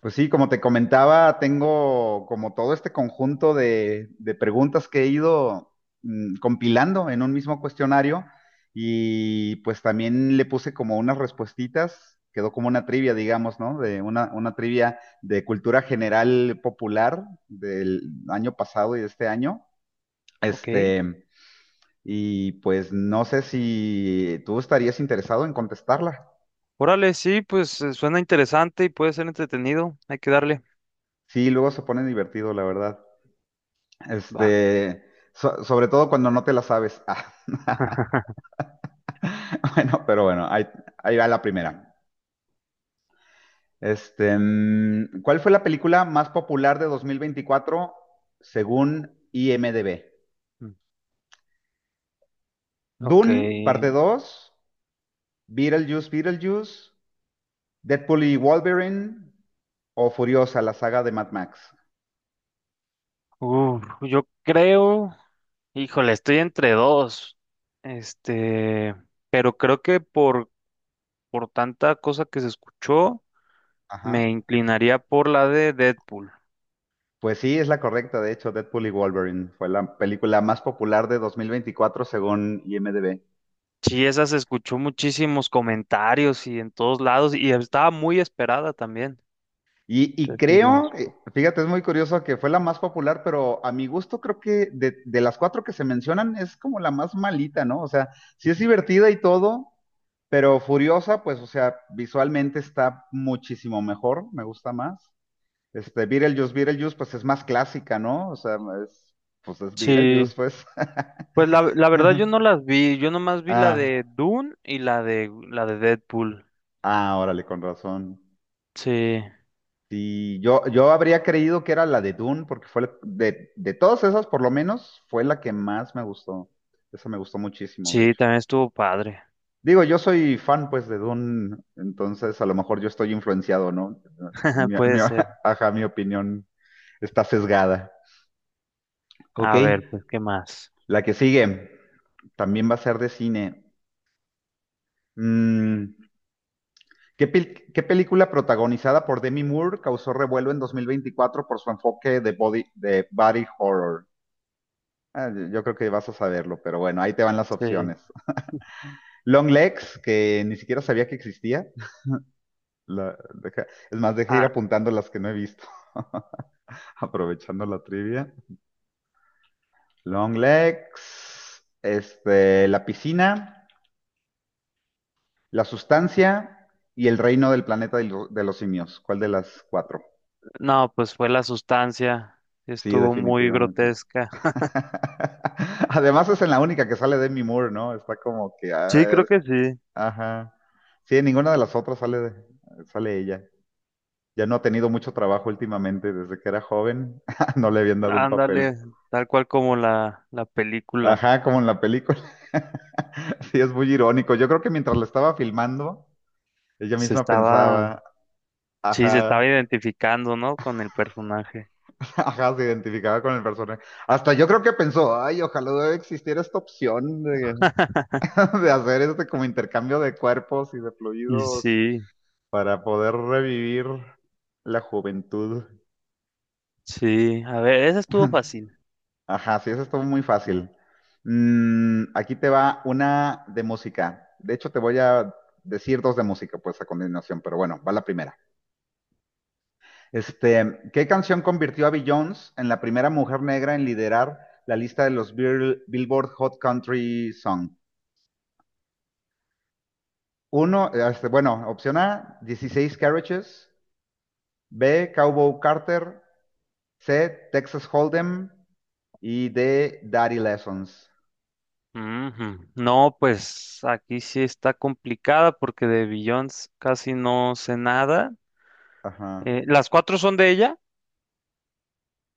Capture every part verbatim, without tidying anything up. Pues sí, como te comentaba, tengo como todo este conjunto de, de preguntas que he ido mm, compilando en un mismo cuestionario. Y pues también le puse como unas respuestitas, quedó como una trivia, digamos, ¿no? De una, una trivia de cultura general popular del año pasado y de este año. Ok. Este, y pues no sé si tú estarías interesado en contestarla. Órale, sí, pues eh, suena interesante y puede ser entretenido. Hay que darle. Sí, luego se pone divertido, la verdad. Va. Este, so- sobre todo cuando no te la sabes. Ah, bueno, pero bueno, ahí, ahí va la primera. Este, mm, ¿cuál fue la película más popular de dos mil veinticuatro según IMDb? Mm, ok. Dune, parte dos, Beetlejuice, Beetlejuice, Deadpool y Wolverine o Furiosa, la saga de Mad Max. Uf, yo creo. Híjole, estoy entre dos. Este, pero creo que por, por tanta cosa que se escuchó, me Ajá. inclinaría por la de Deadpool. Pues sí, es la correcta, de hecho, Deadpool y Wolverine fue la película más popular de dos mil veinticuatro según IMDb. Sí, esa se escuchó muchísimos comentarios y en todos lados, y estaba muy esperada también. Y, y Entonces, sí, lo- creo, eh, fíjate, es muy curioso que fue la más popular, pero a mi gusto creo que de, de las cuatro que se mencionan es como la más malita, ¿no? O sea, sí es divertida y todo, pero Furiosa, pues, o sea, visualmente está muchísimo mejor, me gusta más. Este, Beetlejuice, Beetlejuice, pues es más clásica, ¿no? O sea, es, pues es sí, Beetlejuice, pues. pues la, la verdad yo no las vi, yo nomás vi la Ah, de Dune y la de la de Deadpool. ah, órale, con razón. Sí, Sí, yo, yo habría creído que era la de Dune, porque fue la- de, de todas esas, por lo menos, fue la que más me gustó. Esa me gustó muchísimo, de sí, hecho. también estuvo padre. Digo, yo soy fan, pues, de Dune, entonces a lo mejor yo estoy influenciado, ¿no? Mi, mi- Puede ser. ajá, mi opinión está sesgada. Ok, A ver, pues, ¿qué más? la que sigue también va a ser de cine. Mm, ¿qué, pel- qué película protagonizada por Demi Moore causó revuelo en dos mil veinticuatro por su enfoque de body, de body horror? Ah, yo creo que vas a saberlo, pero bueno, ahí te van las Sí. opciones. Long legs, que ni siquiera sabía que existía. La- deja- es más, deja de ir Ah, apuntando las que no he visto, aprovechando la trivia. Long legs, este, la piscina, la sustancia y el reino del planeta de, lo- de los simios. ¿Cuál de las cuatro? no, pues fue la sustancia. Sí, Estuvo muy definitivamente. grotesca. Además es en la única que sale Demi Moore, ¿no? Está como que, Sí, ah, creo es- que sí. ajá. Sí, en ninguna de las otras sale, de- sale ella. Ya no ha tenido mucho trabajo últimamente, desde que era joven, no le habían dado un papel. Ándale, tal cual como la la película. Ajá, como en la película. Sí, es muy irónico. Yo creo que mientras la estaba filmando, ella Se misma estaba, pensaba, sí, se estaba ajá, identificando, ¿no? Con el personaje. ajá, se identificaba con el personaje. Hasta yo creo que pensó, ay, ojalá no existiera esta opción de, de hacer este como intercambio de cuerpos y de Y fluidos sí, para poder revivir la juventud. sí. A ver, esa estuvo fácil. Ajá, sí, eso estuvo muy fácil. Mm, aquí te va una de música. De hecho, te voy a decir dos de música, pues a continuación, pero bueno, va la primera. Este, ¿qué canción convirtió a Beyoncé en la primera mujer negra en liderar la lista de los Bill- Billboard Hot Country Song? Uno, este, bueno, opción A, dieciséis Carriages, B, Cowboy Carter, C, Texas Hold'em y D, Daddy Lessons. Ujú. No, pues aquí sí está complicada porque de Beyoncé casi no sé nada. Ajá. Eh, ¿las cuatro son de ella?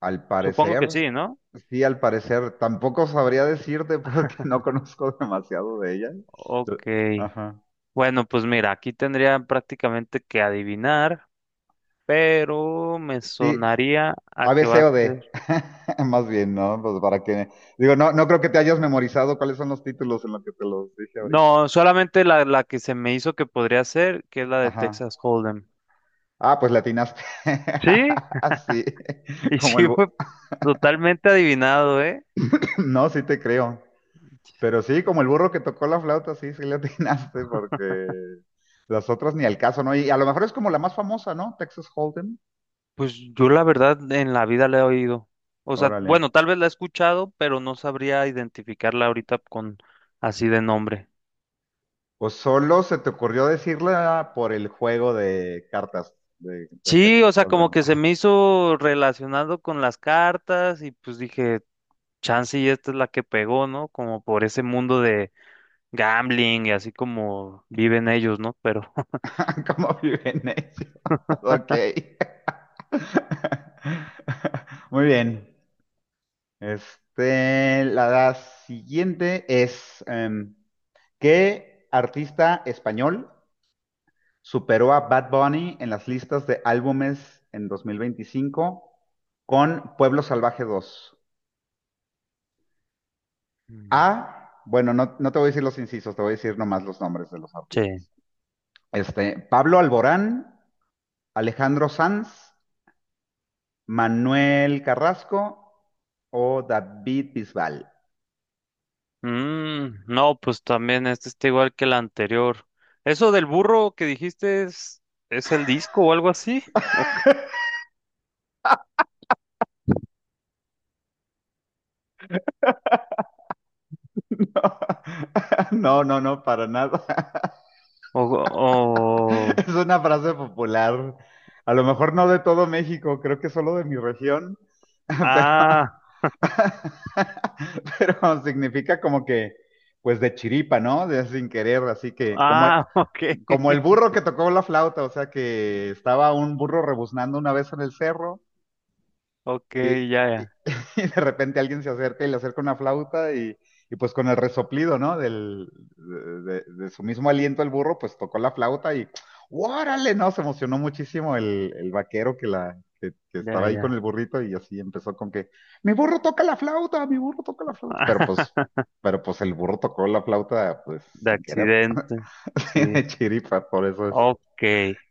Al Supongo parecer, que sí, ¿no? sí, al parecer, tampoco sabría decirte porque no conozco demasiado de ella. Ok. Ajá. Bueno, pues mira, aquí tendría prácticamente que adivinar, pero me Sí, sonaría a A, que B, va C a o D. ser... Más bien, ¿no? Pues para que... Digo, no, no creo que te hayas memorizado cuáles son los títulos en los que te los dije ahorita. No, solamente la, la que se me hizo que podría ser, que es la de Ajá. Texas Hold'em. Ah, pues le atinaste. Sí, Sí. y Como el... sí bu- fue totalmente adivinado, ¿eh? No, sí te creo. Pero sí, como el burro que tocó la flauta, sí, sí le atinaste, porque las otras ni al caso, ¿no? Y a lo mejor es como la más famosa, ¿no? Texas Hold'em. Pues yo la verdad en la vida la he oído. O sea, Órale. bueno, tal vez la he escuchado, pero no sabría identificarla ahorita con así de nombre. O solo se te ocurrió decirla por el juego de cartas de, de Sí, o Texas sea, como Hold'em. que se me hizo relacionado con las cartas y pues dije, chance y esta es la que pegó, ¿no? Como por ese mundo de gambling y así como viven ellos, ¿no? Pero ¿Cómo viven ellos? Ok. Muy bien. Este, la siguiente es, em, ¿qué artista español superó a Bad Bunny en las listas de álbumes en dos mil veinticinco con Pueblo Salvaje dos? mm, A, bueno, no, no te voy a decir los incisos, te voy a decir nomás los nombres de los sí. artistas. Este, Pablo Alborán, Alejandro Sanz, Manuel Carrasco o David Bisbal. Mm, no, pues también este está igual que el anterior. ¿Eso del burro que dijiste es, es el disco o algo así? No, no, no, para nada. O, o, Es una frase popular. A lo mejor no de todo México, creo que solo de mi región, pero, ah, pero significa como que, pues de chiripa, ¿no? De sin querer, así que como, ah, ok, como el burro que tocó la flauta, o sea que estaba un burro rebuznando una vez en el cerro ok, y, ya, y- ya, y de repente alguien se acerca y le acerca una flauta y, y pues con el resoplido, ¿no? Del, de, de- de su mismo aliento, el burro pues tocó la flauta y ¡órale! No, se emocionó muchísimo el, el vaquero que, la, que, que ya, estaba ahí con ya. el burrito y así empezó con que ¡mi burro toca la flauta! ¡Mi burro toca la flauta! Pero pues, pero pues el burro tocó la flauta pues De sin querer, accidente, sí, de chiripa, por eso es ok.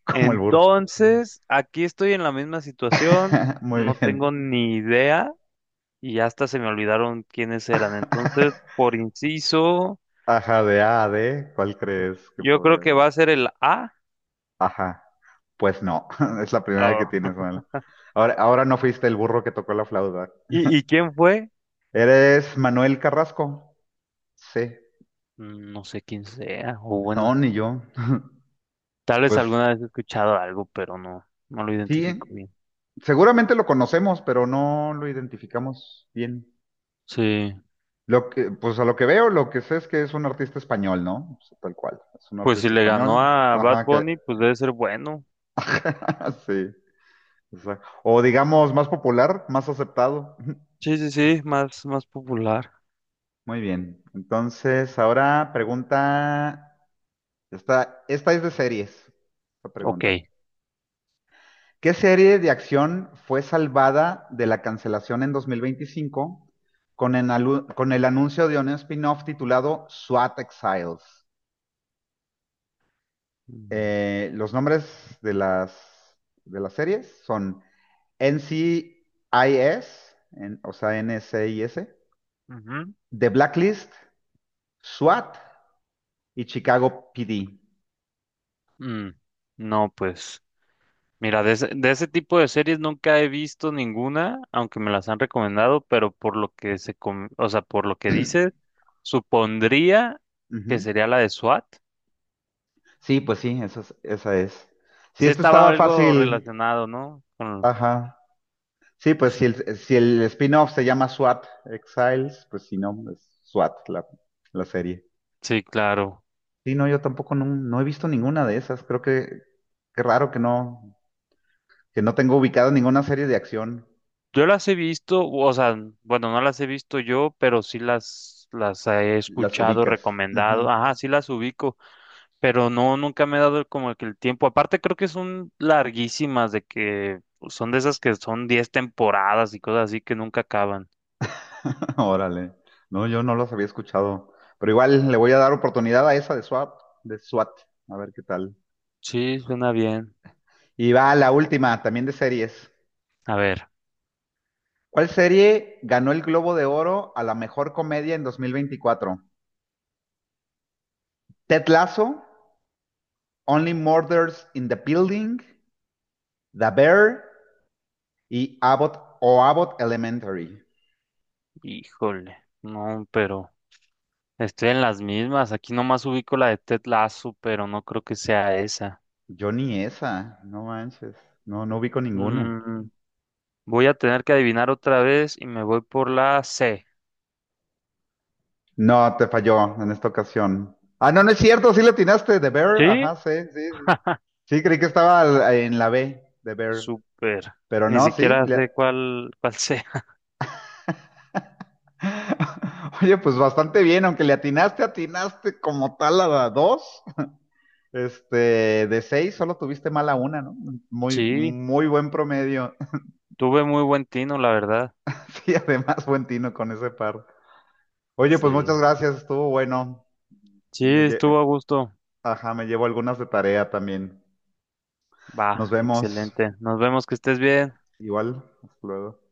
como el burro. Entonces, aquí estoy en la misma situación, Muy no bien. tengo ni idea y hasta se me olvidaron quiénes eran. Entonces, por inciso, Ajá, de A a D, ¿cuál crees que yo creo podría...? que va a ser el A. Ajá. Pues no, es la primera vez Oh, que tienes mal. Ahora, ahora no fuiste el burro que tocó la flauta. ¿y, y quién fue? ¿Eres Manuel Carrasco? Sí. Mm, no sé quién sea, o No, bueno, ni yo. tal vez Pues alguna vez he escuchado algo, pero no, no lo sí, identifico bien. seguramente lo conocemos, pero no lo identificamos bien. Sí, Lo que, pues a lo que veo, lo que sé es que es un artista español, ¿no? O sea, tal cual, es un pues si artista le ganó español. a Bad Ajá, que Bunny, pues debe ser bueno. sí. O sea, o digamos más popular, más aceptado. Sí, sí, sí, más, más popular. Muy bien. Entonces, ahora pregunta. Esta, esta es de series, esta Ok. pregunta. ¿Qué serie de acción fue salvada de la cancelación en dos mil veinticinco con el, con el anuncio de un spin-off titulado SWAT Exiles? Mm, Eh, los nombres de las, de las series son N C I S, en- o sea, N C I S, ujú, The Blacklist, SWAT y Chicago P D. mm. No, pues, mira, de ese, de ese tipo de series nunca he visto ninguna, aunque me las han recomendado, pero por lo que se, com- o sea, por lo que dice, supondría que Ujú. sería la de SWAT. Sí, pues sí, esa es, esa es. Sí, Sí, esto estaba estaba algo fácil. relacionado, ¿no? Con- Ajá. Sí, pues si el, si el spin-off se llama SWAT Exiles, pues si no, es SWAT la, la serie. Sí, claro. Sí, no, yo tampoco no, no he visto ninguna de esas. Creo que qué raro que no, que no, tengo ubicada ninguna serie de acción. Yo las he visto, o sea, bueno, no las he visto yo, pero sí las, las he Las escuchado, ubicas. recomendado. Ujú. Ajá, sí las ubico, pero no, nunca me he dado el- como que el tiempo. Aparte, creo que son larguísimas, de que son de esas que son diez temporadas y cosas así que nunca acaban. Órale. No, yo no los había escuchado. Pero igual le voy a dar oportunidad a esa de SWAT, de SWAT. A ver qué tal. Sí, suena bien. Y va la última, también de series. A ver, ¿Cuál serie ganó el Globo de Oro a la mejor comedia en dos mil veinticuatro? ¿Ted Lasso? Only Murders in the Building, The Bear y Abbott o Abbott Elementary. híjole, no, pero estoy en las mismas. Aquí nomás ubico la de Ted Lasso, pero no creo que sea esa. Yo ni esa, no manches. No, no ubico ninguna. Mm, voy a tener que adivinar otra vez y me voy por la C. No, te falló en esta ocasión. Ah, no, no es cierto, sí le atinaste, The Bear, Sí, ajá, sí, sí. Sí, sí, creí que estaba en la B, The Bear, súper. pero Ni no, sí. siquiera le- sé cuál, cuál sea. Oye, pues bastante bien, aunque le atinaste, atinaste como tal a la dos. Este, de seis solo tuviste mala una, ¿no? Muy, Sí, muy buen promedio. tuve muy buen tino, la verdad. Sí, además buen tino con ese par. Oye, pues Sí, muchas gracias, estuvo bueno. sí, Y me lle- estuvo a gusto. Ajá, me llevo algunas de tarea también. Nos Va, vemos. excelente. Nos vemos, que estés bien. Igual, hasta luego.